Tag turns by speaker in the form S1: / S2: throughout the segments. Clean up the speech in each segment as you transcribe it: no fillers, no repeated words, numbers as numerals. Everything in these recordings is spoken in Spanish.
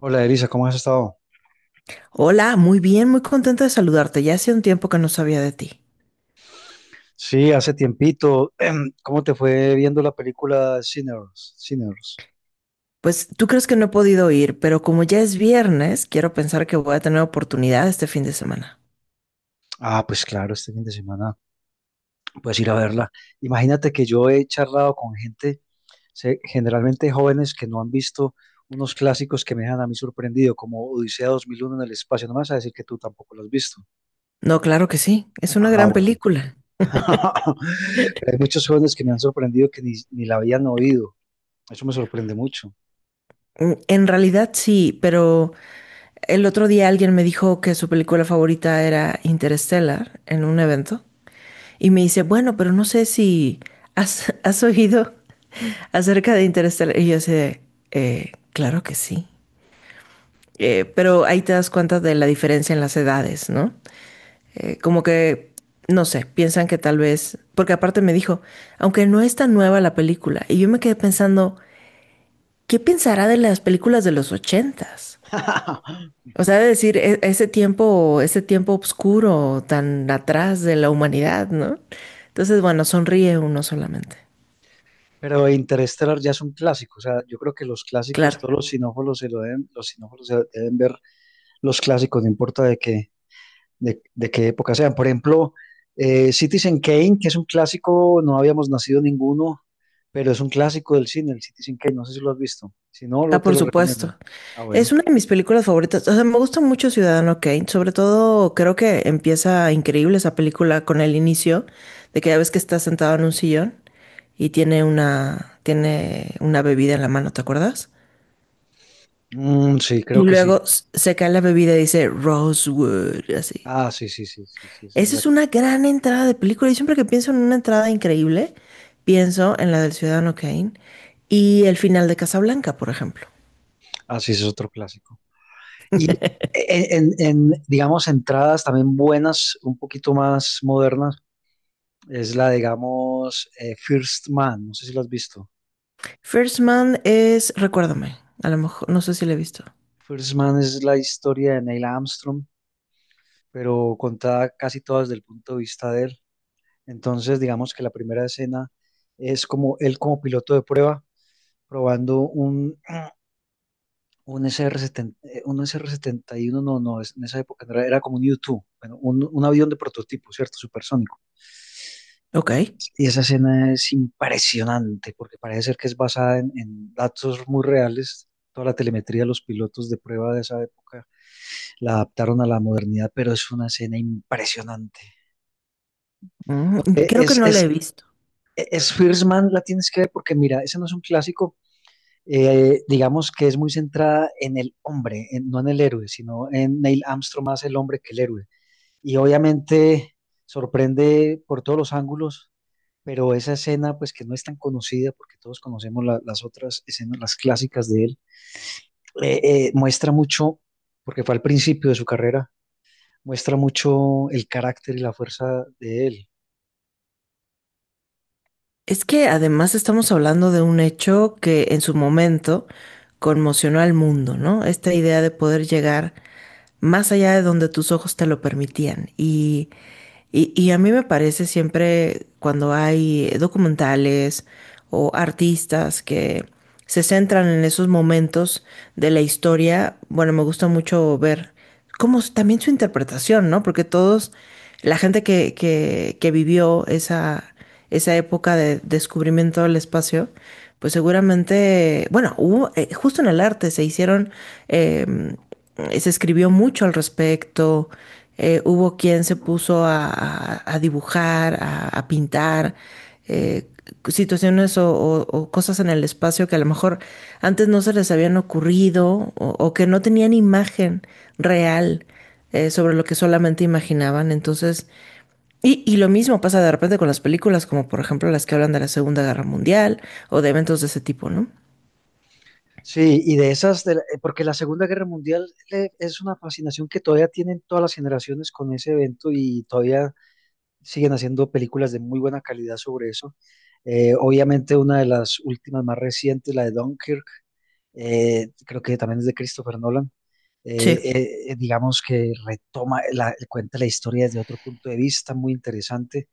S1: Hola, Elisa, ¿cómo has estado?
S2: Hola, muy bien, muy contenta de saludarte. Ya hacía un tiempo que no sabía de ti.
S1: Sí, hace tiempito. ¿Cómo te fue viendo la película Sinners? Sinners.
S2: Pues tú crees que no he podido ir, pero como ya es viernes, quiero pensar que voy a tener oportunidad este fin de semana.
S1: Ah, pues claro, este fin de semana puedes ir a verla. Imagínate que yo he charlado con gente, generalmente jóvenes que no han visto unos clásicos que me dejan a mí sorprendido, como Odisea 2001 en el espacio. No me vas a decir que tú tampoco lo has visto.
S2: No, claro que sí, es una
S1: Ah,
S2: gran
S1: bueno.
S2: película.
S1: Pero hay muchos jóvenes que me han sorprendido que ni la habían oído. Eso me sorprende mucho.
S2: Mm, en realidad sí, pero el otro día alguien me dijo que su película favorita era Interstellar en un evento y me dice, bueno, pero no sé si has, has oído acerca de Interstellar. Y yo así de, Claro que sí. Pero ahí te das cuenta de la diferencia en las edades, ¿no? Como que, no sé, piensan que tal vez, porque aparte me dijo, aunque no es tan nueva la película, y yo me quedé pensando, ¿qué pensará de las películas de los ochentas? O sea, de decir, ese tiempo oscuro tan atrás de la humanidad, ¿no? Entonces, bueno, sonríe uno solamente.
S1: Pero Interstellar ya es un clásico, o sea, yo creo que los clásicos,
S2: Claro.
S1: todos los sinófilos se lo deben, los sinófilos se deben ver los clásicos, no importa de qué, de qué época sean. Por ejemplo, Citizen Kane, que es un clásico, no habíamos nacido ninguno, pero es un clásico del cine, el Citizen Kane, no sé si lo has visto. Si no, lo
S2: Ah,
S1: te
S2: por
S1: lo recomiendo.
S2: supuesto.
S1: Ah,
S2: Es
S1: bueno.
S2: una de mis películas favoritas. O sea, me gusta mucho Ciudadano Kane. Sobre todo, creo que empieza increíble esa película con el inicio de que ya ves que está sentado en un sillón y tiene una bebida en la mano, ¿te acuerdas?
S1: Mm, sí,
S2: Y
S1: creo que sí.
S2: luego se cae la bebida y dice Rosewood, así.
S1: Ah, sí, sí, sí, sí, sí. esa es
S2: Esa es
S1: la-
S2: una gran entrada de película. Y siempre que pienso en una entrada increíble, pienso en la del Ciudadano Kane y el final de Casablanca, por ejemplo.
S1: Ah, sí, ese es otro clásico. Y en, en- en, digamos, entradas también buenas, un poquito más modernas. Es la, digamos, First Man, no sé si lo has visto.
S2: First Man es, recuérdame, a lo mejor, no sé si la he visto.
S1: First Man es la historia de Neil Armstrong, pero contada casi toda desde el punto de vista de él. Entonces, digamos que la primera escena es como él como piloto de prueba, probando un SR-70, un SR-71, no, no, en esa época no era, era como un U-2, bueno, un avión de prototipo, ¿cierto? Supersónico.
S2: Ok.
S1: Y esa escena es impresionante porque parece ser que es basada en datos muy reales. Toda la telemetría de los pilotos de prueba de esa época la adaptaron a la modernidad, pero es una escena impresionante.
S2: Mm,
S1: No,
S2: creo que
S1: Es,
S2: no la he
S1: es,
S2: visto.
S1: es First Man, la tienes que ver porque mira, ese no es un clásico, digamos que es muy centrada en el hombre, no en el héroe, sino en Neil Armstrong más el hombre que el héroe. Y obviamente sorprende por todos los ángulos. Pero esa escena, pues que no es tan conocida, porque todos conocemos las otras escenas, las clásicas de él. eh, Muestra mucho, porque fue al principio de su carrera, muestra mucho el carácter y la fuerza de él.
S2: Es que además estamos hablando de un hecho que en su momento conmocionó al mundo, ¿no? Esta idea de poder llegar más allá de donde tus ojos te lo permitían. Y a mí me parece siempre cuando hay documentales o artistas que se centran en esos momentos de la historia, bueno, me gusta mucho ver cómo también su interpretación, ¿no? Porque todos, la gente que vivió esa, esa época de descubrimiento del espacio, pues seguramente, bueno, hubo, justo en el arte se hicieron eh, se escribió mucho al respecto, hubo quien se puso a dibujar, a pintar, eh, situaciones o cosas en el espacio que a lo mejor antes no se les habían ocurrido o que no tenían imagen real sobre lo que solamente imaginaban. Entonces, y lo mismo pasa de repente con las películas, como por ejemplo las que hablan de la Segunda Guerra Mundial o de eventos de ese tipo, ¿no?
S1: Sí, y de esas, porque la Segunda Guerra Mundial es una fascinación que todavía tienen todas las generaciones con ese evento y todavía siguen haciendo películas de muy buena calidad sobre eso. Obviamente una de las últimas más recientes, la de Dunkirk. Creo que también es de Christopher Nolan.
S2: Sí,
S1: Digamos que retoma, cuenta la historia desde otro punto de vista muy interesante,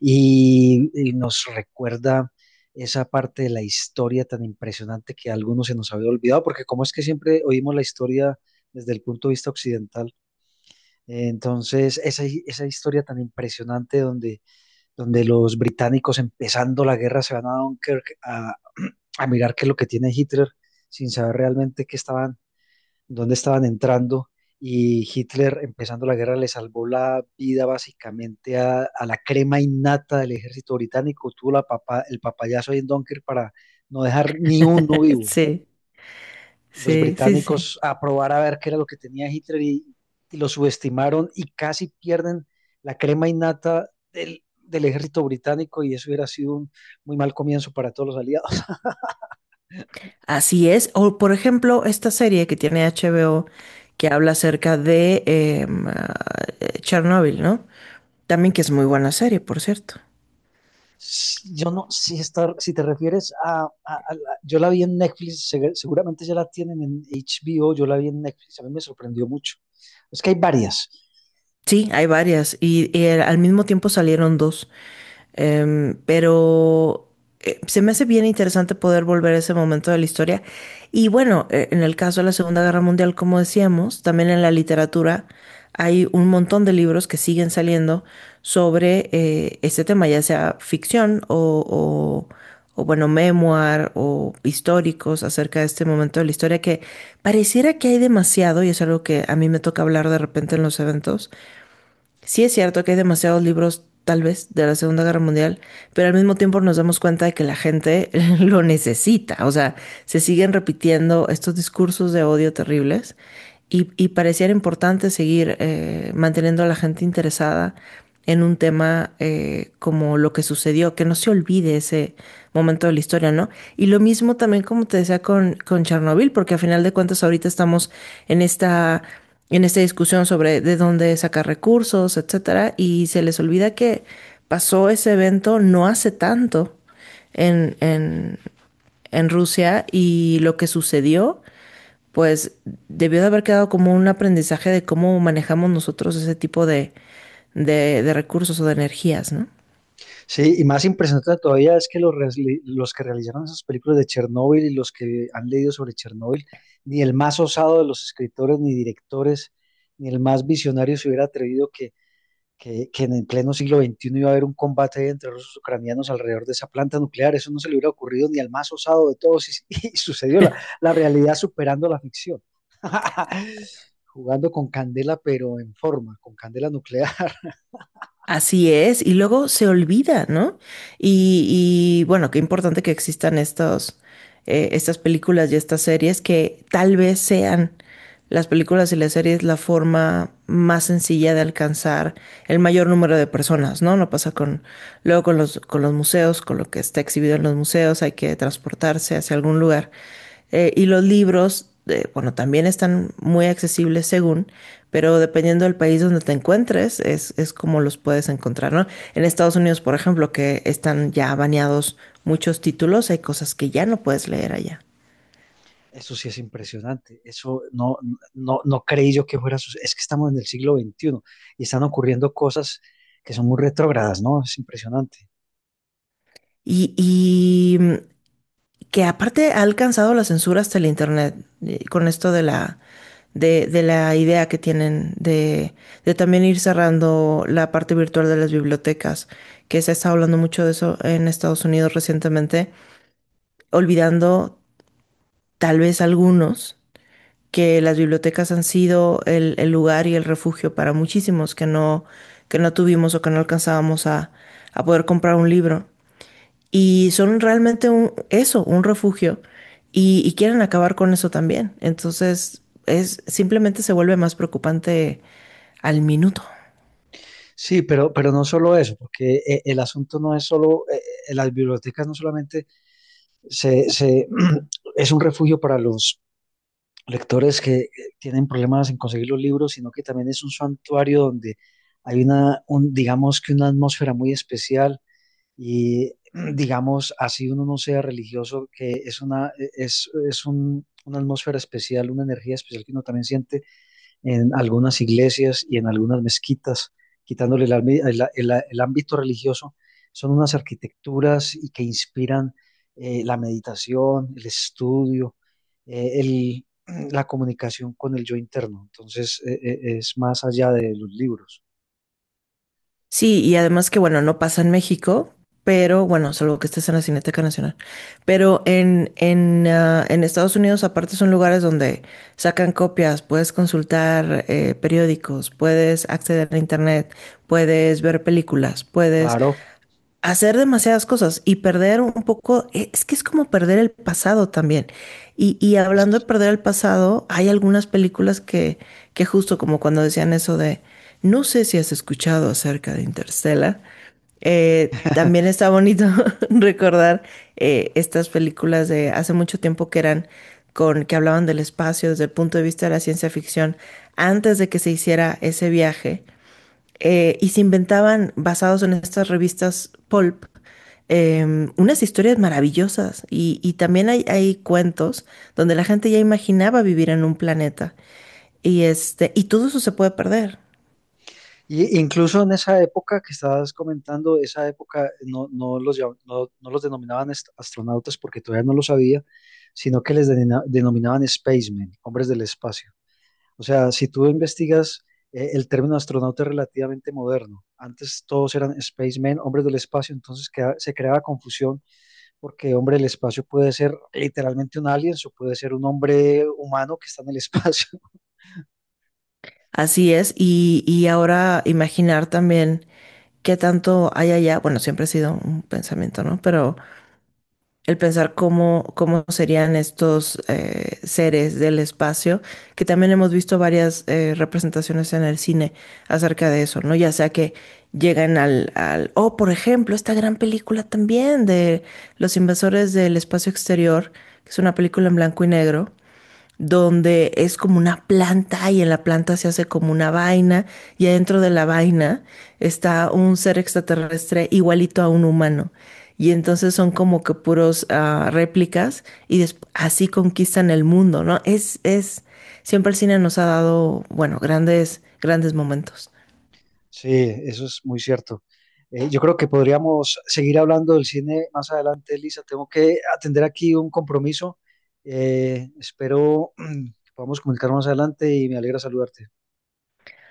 S1: y, nos recuerda esa parte de la historia tan impresionante que a algunos se nos había olvidado, porque como es que siempre oímos la historia desde el punto de vista occidental. Entonces esa historia tan impresionante donde los británicos empezando la guerra se van a Dunkirk a mirar qué es lo que tiene Hitler sin saber realmente qué estaban, dónde estaban entrando. Y Hitler empezando la guerra le salvó la vida básicamente a, la crema innata del ejército británico. Tuvo la el papayazo ahí en Dunkirk para no dejar ni uno vivo.
S2: sí,
S1: Los
S2: sí, sí, sí.
S1: británicos a probar a ver qué era lo que tenía Hitler, y, lo subestimaron y casi pierden la crema innata del ejército británico, y eso hubiera sido un muy mal comienzo para todos los aliados.
S2: Así es. O, por ejemplo, esta serie que tiene HBO que habla acerca de Chernobyl, ¿no? También que es muy buena serie, por cierto.
S1: Yo no, si está. Si te refieres yo la vi en Netflix, seguramente ya la tienen en HBO, yo la vi en Netflix, a mí me sorprendió mucho. Es que hay varias.
S2: Sí, hay varias. Y al mismo tiempo salieron dos. Em, pero se me hace bien interesante poder volver a ese momento de la historia. Y bueno, en el caso de la Segunda Guerra Mundial, como decíamos, también en la literatura hay un montón de libros que siguen saliendo sobre este tema, ya sea ficción o bueno, memoir o históricos acerca de este momento de la historia que pareciera que hay demasiado y es algo que a mí me toca hablar de repente en los eventos. Sí es cierto que hay demasiados libros, tal vez, de la Segunda Guerra Mundial, pero al mismo tiempo nos damos cuenta de que la gente lo necesita. O sea, se siguen repitiendo estos discursos de odio terribles y pareciera importante seguir manteniendo a la gente interesada en un tema como lo que sucedió, que no se olvide ese momento de la historia, ¿no? Y lo mismo también, como te decía, con Chernobyl, porque a final de cuentas ahorita estamos en esta discusión sobre de dónde sacar recursos, etcétera, y se les olvida que pasó ese evento no hace tanto en, en, en Rusia y lo que sucedió, pues debió de haber quedado como un aprendizaje de cómo manejamos nosotros ese tipo de recursos o de energías, ¿no?
S1: Sí, y más impresionante todavía es que los, los que realizaron esas películas de Chernóbil y los que han leído sobre Chernóbil, ni el más osado de los escritores ni directores, ni el más visionario se hubiera atrevido que en el pleno siglo XXI iba a haber un combate entre rusos y ucranianos alrededor de esa planta nuclear. Eso no se le hubiera ocurrido ni al más osado de todos, y sucedió realidad superando la ficción. Jugando con candela, pero en forma, con candela nuclear.
S2: Así es, y luego se olvida, ¿no? Y, bueno, qué importante que existan estos, estas películas y estas series que tal vez sean las películas y las series la forma más sencilla de alcanzar el mayor número de personas, ¿no? No pasa con, luego con los museos, con lo que está exhibido en los museos, hay que transportarse hacia algún lugar. Y los libros, bueno, también están muy accesibles según, pero dependiendo del país donde te encuentres, es como los puedes encontrar, ¿no? En Estados Unidos, por ejemplo, que están ya baneados muchos títulos, hay cosas que ya no puedes leer allá.
S1: Eso sí es impresionante. Eso no creí yo que fuera. Es que estamos en el siglo XXI y están ocurriendo cosas que son muy retrógradas, ¿no? Es impresionante.
S2: Y que aparte ha alcanzado la censura hasta el Internet, con esto de la, de la idea que tienen de también ir cerrando la parte virtual de las bibliotecas, que se ha estado hablando mucho de eso en Estados Unidos recientemente, olvidando tal vez algunos que las bibliotecas han sido el lugar y el refugio para muchísimos que no tuvimos o que no alcanzábamos a poder comprar un libro. Y son realmente un, eso, un refugio. Y quieren acabar con eso también. Entonces, es, simplemente se vuelve más preocupante al minuto.
S1: Sí, pero no solo eso, porque el asunto no es solo. Las bibliotecas no solamente se, se, es un refugio para los lectores que tienen problemas en conseguir los libros, sino que también es un santuario donde hay una, un, digamos que una atmósfera muy especial y digamos, así uno no sea religioso, que es una, es un, una atmósfera especial, una energía especial que uno también siente en algunas iglesias y en algunas mezquitas, quitándole el, ambi- el ámbito religioso. Son unas arquitecturas y que inspiran la meditación, el estudio, eh, el- la comunicación con el yo interno. Entonces, es más allá de los libros.
S2: Sí, y además que, bueno, no pasa en México, pero bueno, salvo que estés en la Cineteca Nacional. Pero en Estados Unidos, aparte, son lugares donde sacan copias, puedes consultar periódicos, puedes acceder a internet, puedes ver películas, puedes
S1: Claro.
S2: hacer demasiadas cosas y perder un poco, es que es como perder el pasado también. Y hablando de perder el pasado, hay algunas películas que justo como cuando decían eso de, no sé si has escuchado acerca de Interstellar, también está bonito recordar estas películas de hace mucho tiempo que eran con que hablaban del espacio desde el punto de vista de la ciencia ficción antes de que se hiciera ese viaje y se inventaban, basados en estas revistas pulp, em, unas historias maravillosas. Y también hay cuentos donde la gente ya imaginaba vivir en un planeta. Y, este, y todo eso se puede perder.
S1: Y incluso en esa época que estabas comentando, esa época no los denominaban astronautas porque todavía no lo sabía, sino que les denominaban spacemen, hombres del espacio. O sea, si tú investigas, el término astronauta es relativamente moderno. Antes todos eran spacemen, hombres del espacio, entonces se creaba confusión porque hombre del espacio puede ser literalmente un alien o puede ser un hombre humano que está en el espacio.
S2: Así es. Y ahora imaginar también qué tanto hay allá. Bueno, siempre ha sido un pensamiento, ¿no? Pero el pensar cómo, cómo serían estos seres del espacio, que también hemos visto varias representaciones en el cine acerca de eso, ¿no? Ya sea que llegan al, o por ejemplo, esta gran película también de Los Invasores del Espacio Exterior, que es una película en blanco y negro, donde es como una planta y en la planta se hace como una vaina y adentro de la vaina está un ser extraterrestre igualito a un humano. Y entonces son como que puros ah, réplicas y así conquistan el mundo, ¿no? Es, siempre el cine nos ha dado, bueno, grandes, grandes momentos.
S1: Sí, eso es muy cierto. Yo creo que podríamos seguir hablando del cine más adelante, Elisa. Tengo que atender aquí un compromiso. Espero que podamos comunicarnos más adelante y me alegra saludarte.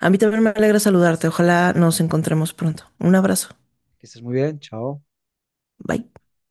S2: A mí también me alegra saludarte. Ojalá nos encontremos pronto. Un abrazo.
S1: Que estés muy bien. Chao.
S2: Bye.